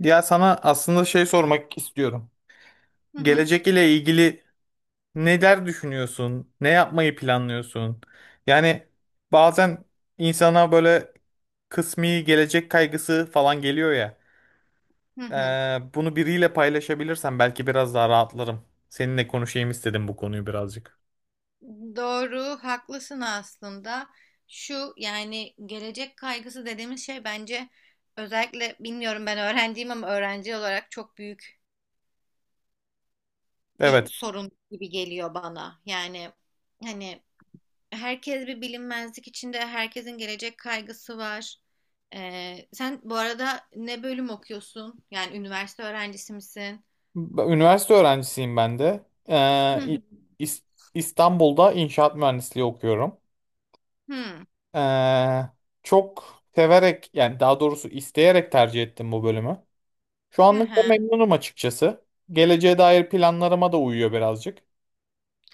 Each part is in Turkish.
Ya sana aslında şey sormak istiyorum. Hı hı, Gelecek ile ilgili neler düşünüyorsun? Ne yapmayı planlıyorsun? Yani bazen insana böyle kısmi gelecek kaygısı falan geliyor ya. hı hı. Bunu biriyle paylaşabilirsem belki biraz daha rahatlarım. Seninle konuşayım istedim bu konuyu birazcık. Doğru, haklısın aslında. Şu yani gelecek kaygısı dediğimiz şey bence özellikle bilmiyorum ben öğrenciyim ama öğrenci olarak çok büyük bir Evet, sorun gibi geliyor bana. Yani hani herkes bir bilinmezlik içinde, herkesin gelecek kaygısı var. Sen bu arada ne bölüm okuyorsun? Yani üniversite öğrencisi misin? Üniversite öğrencisiyim ben de. Hı hı. İs- İstanbul'da inşaat mühendisliği okuyorum. Hı. Ee, çok severek yani daha doğrusu isteyerek tercih ettim bu bölümü. Şu Hı anlık da hı. memnunum açıkçası. Geleceğe dair planlarıma da uyuyor birazcık.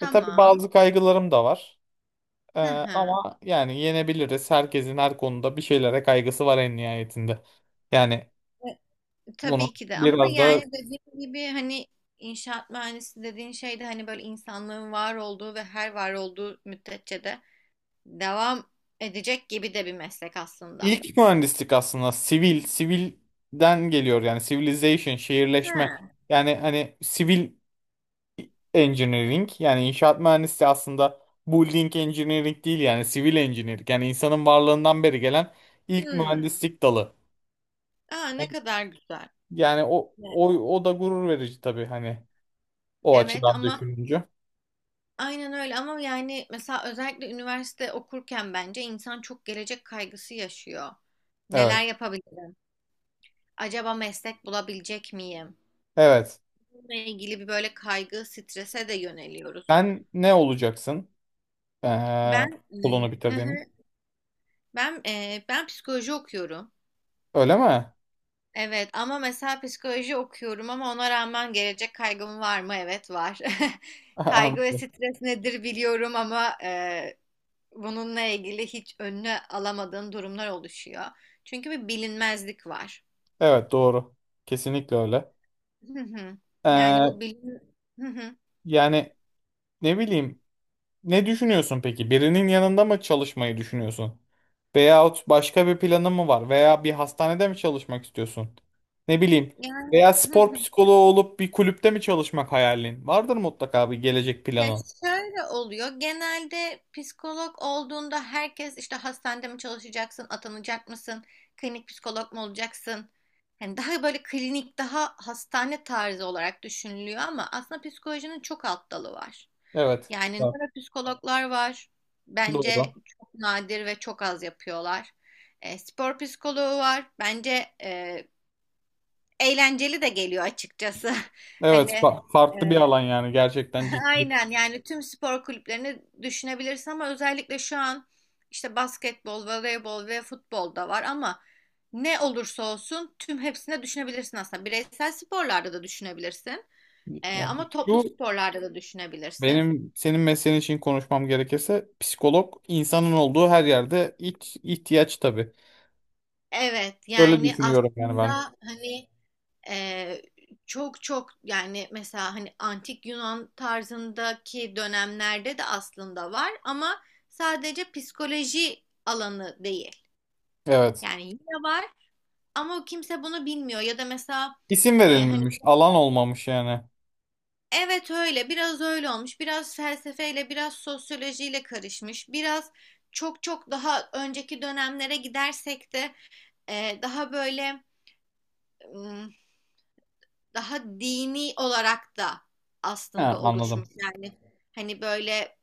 E tabii bazı kaygılarım da var. Ee, Hı hı. ama yani yenebiliriz. Herkesin her konuda bir şeylere kaygısı var en nihayetinde. Yani bunu Tabii ki de ama biraz da yani dediğim gibi hani inşaat mühendisi dediğin şey de hani böyle insanlığın var olduğu ve her var olduğu müddetçe de devam edecek gibi de bir meslek aslında. ilk mühendislik aslında sivil, sivilden geliyor yani civilization, şehirleşme. Ha. Yani hani sivil engineering yani inşaat mühendisliği aslında building engineering değil yani sivil engineering yani insanın varlığından beri gelen ilk Hmm. mühendislik dalı. Aa, ne Yani, kadar güzel. yani o, Evet, o o da gurur verici tabii hani o evet açıdan ama düşününce. aynen öyle ama yani mesela özellikle üniversite okurken bence insan çok gelecek kaygısı yaşıyor. Evet. Neler yapabilirim? Acaba meslek bulabilecek miyim? Evet. Bununla ilgili bir böyle kaygı, strese de yöneliyoruz. Sen ne olacaksın? Ee, okulunu hı hı. bitirdiğin. Ben psikoloji okuyorum. Öyle mi? Evet ama mesela psikoloji okuyorum ama ona rağmen gelecek kaygım var mı? Evet var. Kaygı ve Anladım. stres nedir biliyorum ama bununla ilgili hiç önüne alamadığım durumlar oluşuyor. Çünkü bir bilinmezlik var. Evet doğru. Kesinlikle öyle. Hı hı. Yani bu Ee, bilin Hı hı. yani ne bileyim. Ne düşünüyorsun peki? Birinin yanında mı çalışmayı düşünüyorsun? Veyahut başka bir planın mı var? Veya bir hastanede mi çalışmak istiyorsun? Ne bileyim. Yani Veya spor psikoloğu olup bir kulüpte mi çalışmak hayalin? Vardır mutlaka bir gelecek ya planı. şöyle oluyor. Genelde psikolog olduğunda herkes işte hastanede mi çalışacaksın, atanacak mısın, klinik psikolog mu olacaksın? Hani daha böyle klinik, daha hastane tarzı olarak düşünülüyor ama aslında psikolojinin çok alt dalı var. Evet. Yani Var. nöropsikologlar var. Doğru. Bence çok nadir ve çok az yapıyorlar. Spor psikoloğu var. Bence eğlenceli de geliyor açıkçası. Hani Evet, farklı bir alan e, yani gerçekten ciddi. aynen yani tüm spor kulüplerini düşünebilirsin ama özellikle şu an işte basketbol, voleybol ve futbol da var ama ne olursa olsun tüm hepsine düşünebilirsin aslında. Bireysel sporlarda da düşünebilirsin, ama Yani toplu şu sporlarda da düşünebilirsin. benim senin mesleğin için konuşmam gerekirse psikolog insanın olduğu her yerde ilk ihtiyaç tabii. Evet Öyle yani düşünüyorum yani aslında ben. hani e, çok çok yani mesela hani antik Yunan tarzındaki dönemlerde de aslında var ama sadece psikoloji alanı değil. Evet. Yani yine var. Ama kimse bunu bilmiyor ya da mesela İsim hani verilmemiş. Alan olmamış yani. evet öyle biraz öyle olmuş biraz felsefeyle biraz sosyolojiyle karışmış biraz çok çok daha önceki dönemlere gidersek de daha böyle m, daha dini olarak da He, aslında anladım. oluşmuş yani hani böyle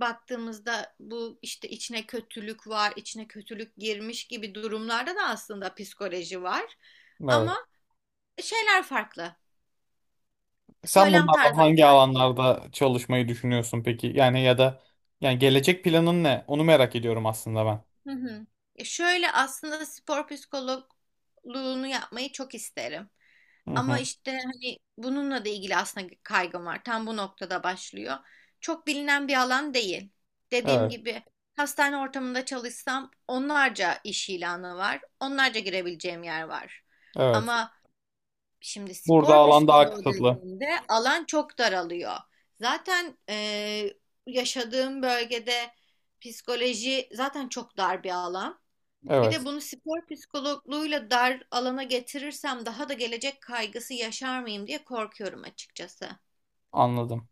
baktığımızda bu işte içine kötülük var içine kötülük girmiş gibi durumlarda da aslında psikoloji var Evet. ama şeyler farklı Sen söylem bunlardan tarzları hangi farklı. alanlarda çalışmayı düşünüyorsun peki? Yani ya da yani gelecek planın ne? Onu merak ediyorum aslında ben. Hı hı. Şöyle aslında spor psikologluğunu yapmayı çok isterim. Hı Ama hı. işte hani bununla da ilgili aslında kaygım var. Tam bu noktada başlıyor. Çok bilinen bir alan değil. Dediğim Evet. gibi hastane ortamında çalışsam onlarca iş ilanı var. Onlarca girebileceğim yer var. Evet. Ama şimdi Burada spor alan daha psikoloğu kısıtlı. dediğimde alan çok daralıyor. Zaten yaşadığım bölgede psikoloji zaten çok dar bir alan. Bir de Evet. bunu spor psikologluğuyla dar alana getirirsem daha da gelecek kaygısı yaşar mıyım diye korkuyorum açıkçası. Anladım.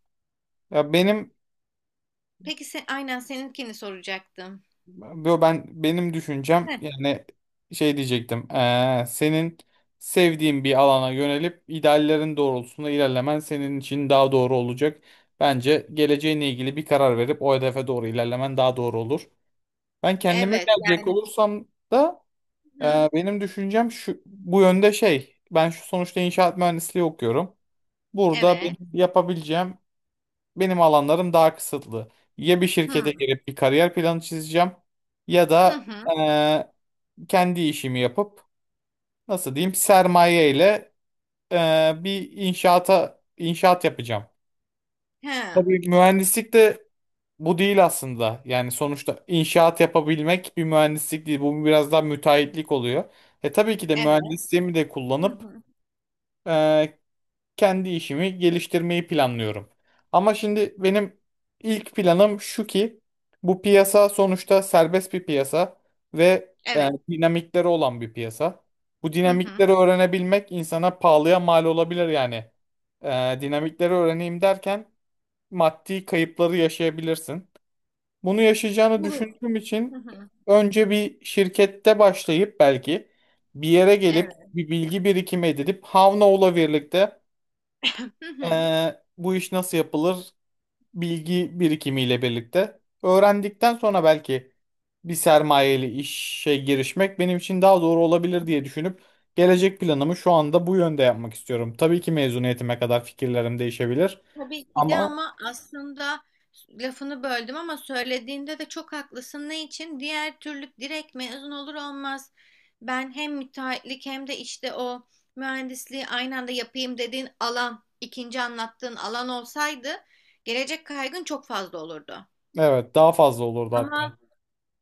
Ya benim Peki sen, aynen seninkini soracaktım. Yo, benim düşüncem Heh, yani şey diyecektim. Senin sevdiğin bir alana yönelip ideallerin doğrultusunda ilerlemen senin için daha doğru olacak. Bence geleceğinle ilgili bir karar verip o hedefe doğru ilerlemen daha doğru olur. Ben kendime evet gelecek yani, olursam da hı, benim düşüncem şu bu yönde şey. Ben şu sonuçta inşaat mühendisliği okuyorum. Burada evet, benim alanlarım daha kısıtlı. Ya bir şirkete hı, girip bir kariyer planı çizeceğim ya hı, da hı, eee, kendi işimi yapıp nasıl diyeyim sermaye ile bir inşaata inşaat yapacağım. hı, Tabii mühendislik de bu değil aslında. Yani sonuçta inşaat yapabilmek bir mühendislik değil. Bu biraz daha müteahhitlik oluyor. E tabii ki de evet, mühendisliğimi de hı, kullanıp hı, kendi işimi geliştirmeyi planlıyorum. Ama şimdi benim ilk planım şu ki bu piyasa sonuçta serbest bir piyasa ve evet, dinamikleri olan bir piyasa. Bu hı, hı, dinamikleri öğrenebilmek insana pahalıya mal olabilir yani. Dinamikleri öğreneyim derken maddi kayıpları yaşayabilirsin. Bunu yaşayacağını bu- düşündüğüm hı, için hı, önce bir şirkette başlayıp belki bir yere gelip evet. bir bilgi birikimi edinip Havnao'la birlikte Hı hı. Bu iş nasıl yapılır bilgi birikimiyle birlikte öğrendikten sonra belki bir sermayeli işe girişmek benim için daha doğru olabilir diye düşünüp gelecek planımı şu anda bu yönde yapmak istiyorum. Tabii ki mezuniyetime kadar fikirlerim değişebilir Tabii ki de ama ama aslında lafını böldüm ama söylediğinde de çok haklısın. Ne için? Diğer türlü direkt mezun olur olmaz. Ben hem müteahhitlik hem de işte o mühendisliği aynı anda yapayım dediğin alan, ikinci anlattığın alan olsaydı gelecek kaygın çok fazla olurdu. evet daha fazla olurdu hatta. Ama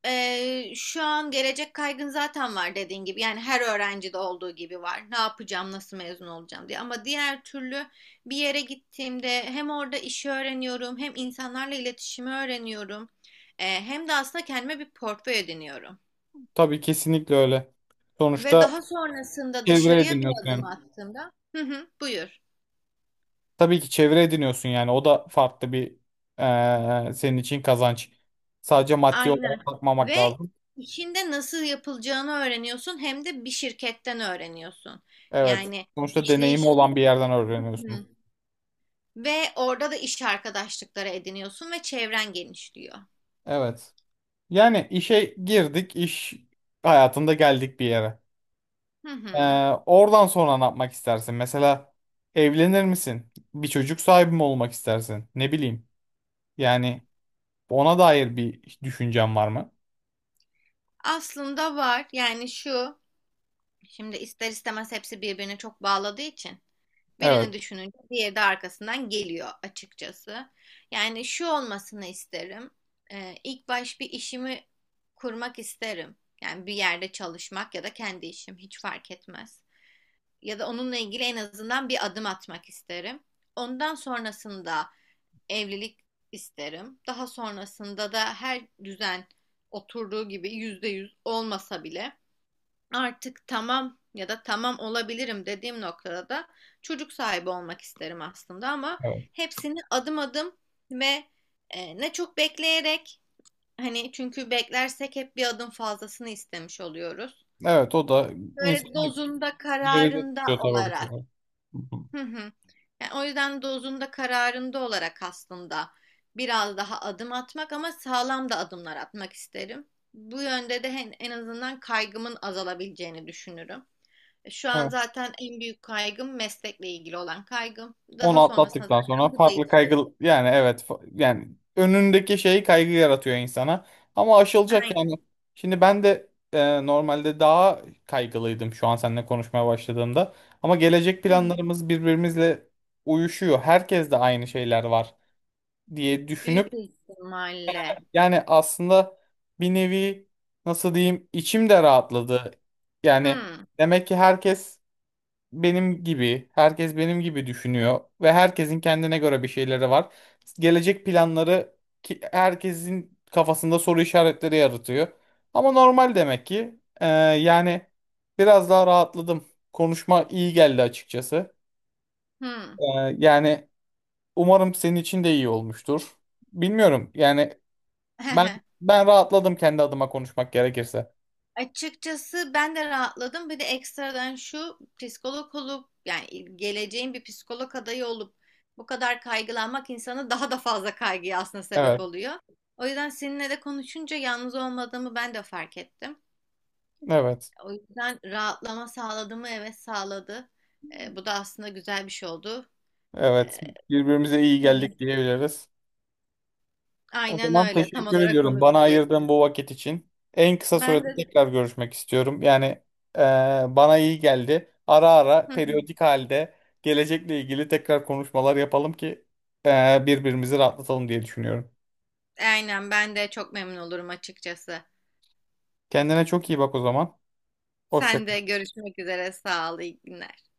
şu an gelecek kaygın zaten var dediğin gibi. Yani her öğrencide olduğu gibi var. Ne yapacağım, nasıl mezun olacağım diye. Ama diğer türlü bir yere gittiğimde hem orada işi öğreniyorum, hem insanlarla iletişimi öğreniyorum. Hem de aslında kendime bir portföy ediniyorum. Tabii kesinlikle öyle. Ve Sonuçta daha sonrasında çevre dışarıya bir ediniyorsun adım yani. attığımda, hı hı, buyur. Tabii ki çevre ediniyorsun yani o da farklı bir senin için kazanç. Sadece maddi Aynen. olarak bakmamak Ve lazım. işinde nasıl yapılacağını öğreniyorsun, hem de bir şirketten öğreniyorsun. Evet. Yani Sonuçta deneyimi olan bir işleyişin. yerden öğreniyorsun. Ve orada da iş arkadaşlıkları ediniyorsun ve çevren genişliyor. Evet. Yani işe girdik, iş hayatında geldik bir yere. Hı Ee, hı. oradan sonra ne yapmak istersin? Mesela evlenir misin? Bir çocuk sahibi mi olmak istersin? Ne bileyim. Yani ona dair bir düşüncen var mı? Aslında var yani şu şimdi ister istemez hepsi birbirine çok bağladığı için Evet. birini düşününce diğeri de arkasından geliyor açıkçası. Yani şu olmasını isterim. İlk baş bir işimi kurmak isterim. Yani bir yerde çalışmak ya da kendi işim hiç fark etmez. Ya da onunla ilgili en azından bir adım atmak isterim. Ondan sonrasında evlilik isterim. Daha sonrasında da her düzen oturduğu gibi %100 olmasa bile artık tamam ya da tamam olabilirim dediğim noktada da çocuk sahibi olmak isterim aslında ama Evet. hepsini adım adım ve ne çok bekleyerek hani çünkü beklersek hep bir adım fazlasını istemiş oluyoruz. Evet o da Böyle insanı dozunda geride kararında tutuyor tabii bu olarak. sefer. Hı Hı hı. Yani o yüzden dozunda kararında olarak aslında biraz daha adım atmak ama sağlam da adımlar atmak isterim. Bu yönde de en azından kaygımın azalabileceğini düşünürüm. Şu an hı. zaten en büyük kaygım meslekle ilgili olan kaygım. Onu Daha sonrasında atlattıktan sonra zaten bu farklı değişir. kaygı yani evet yani önündeki şey kaygı yaratıyor insana. Ama aşılacak yani. Aynen. Şimdi ben de normalde daha kaygılıydım şu an seninle konuşmaya başladığımda. Ama gelecek Hı hı. planlarımız birbirimizle uyuşuyor. Herkes de aynı şeyler var diye Büyük düşünüp ihtimalle. yani aslında bir nevi nasıl diyeyim içim de rahatladı. Yani Hı demek ki herkes benim gibi, herkes benim gibi düşünüyor ve herkesin kendine göre bir şeyleri var. Gelecek planları ki herkesin kafasında soru işaretleri yaratıyor. Ama normal demek ki. Yani biraz daha rahatladım. Konuşma iyi geldi açıkçası. hı. Ee, yani umarım senin için de iyi olmuştur. Bilmiyorum. Yani ben ben rahatladım kendi adıma konuşmak gerekirse. Açıkçası ben de rahatladım. Bir de ekstradan şu psikolog olup yani geleceğin bir psikolog adayı olup bu kadar kaygılanmak insanı daha da fazla kaygıya aslında sebep Evet, oluyor. O yüzden seninle de konuşunca yalnız olmadığımı ben de fark ettim. evet, O yüzden rahatlama sağladı mı? Evet sağladı. Bu da aslında güzel bir şey oldu. evet. Ee, Birbirimize iyi Hani geldik diyebiliriz. O aynen zaman öyle. Tam teşekkür olarak ediyorum onu bana ayırdığın diyecektim. bu vakit için. En kısa Ben sürede de tekrar görüşmek istiyorum. Yani e, bana iyi geldi. Ara ara periyodik halde gelecekle ilgili tekrar konuşmalar yapalım ki birbirimizi rahatlatalım diye düşünüyorum. aynen ben de çok memnun olurum açıkçası. Kendine çok iyi bak o zaman. Hoşça Sen de görüşmek üzere. Sağ ol. İyi günler.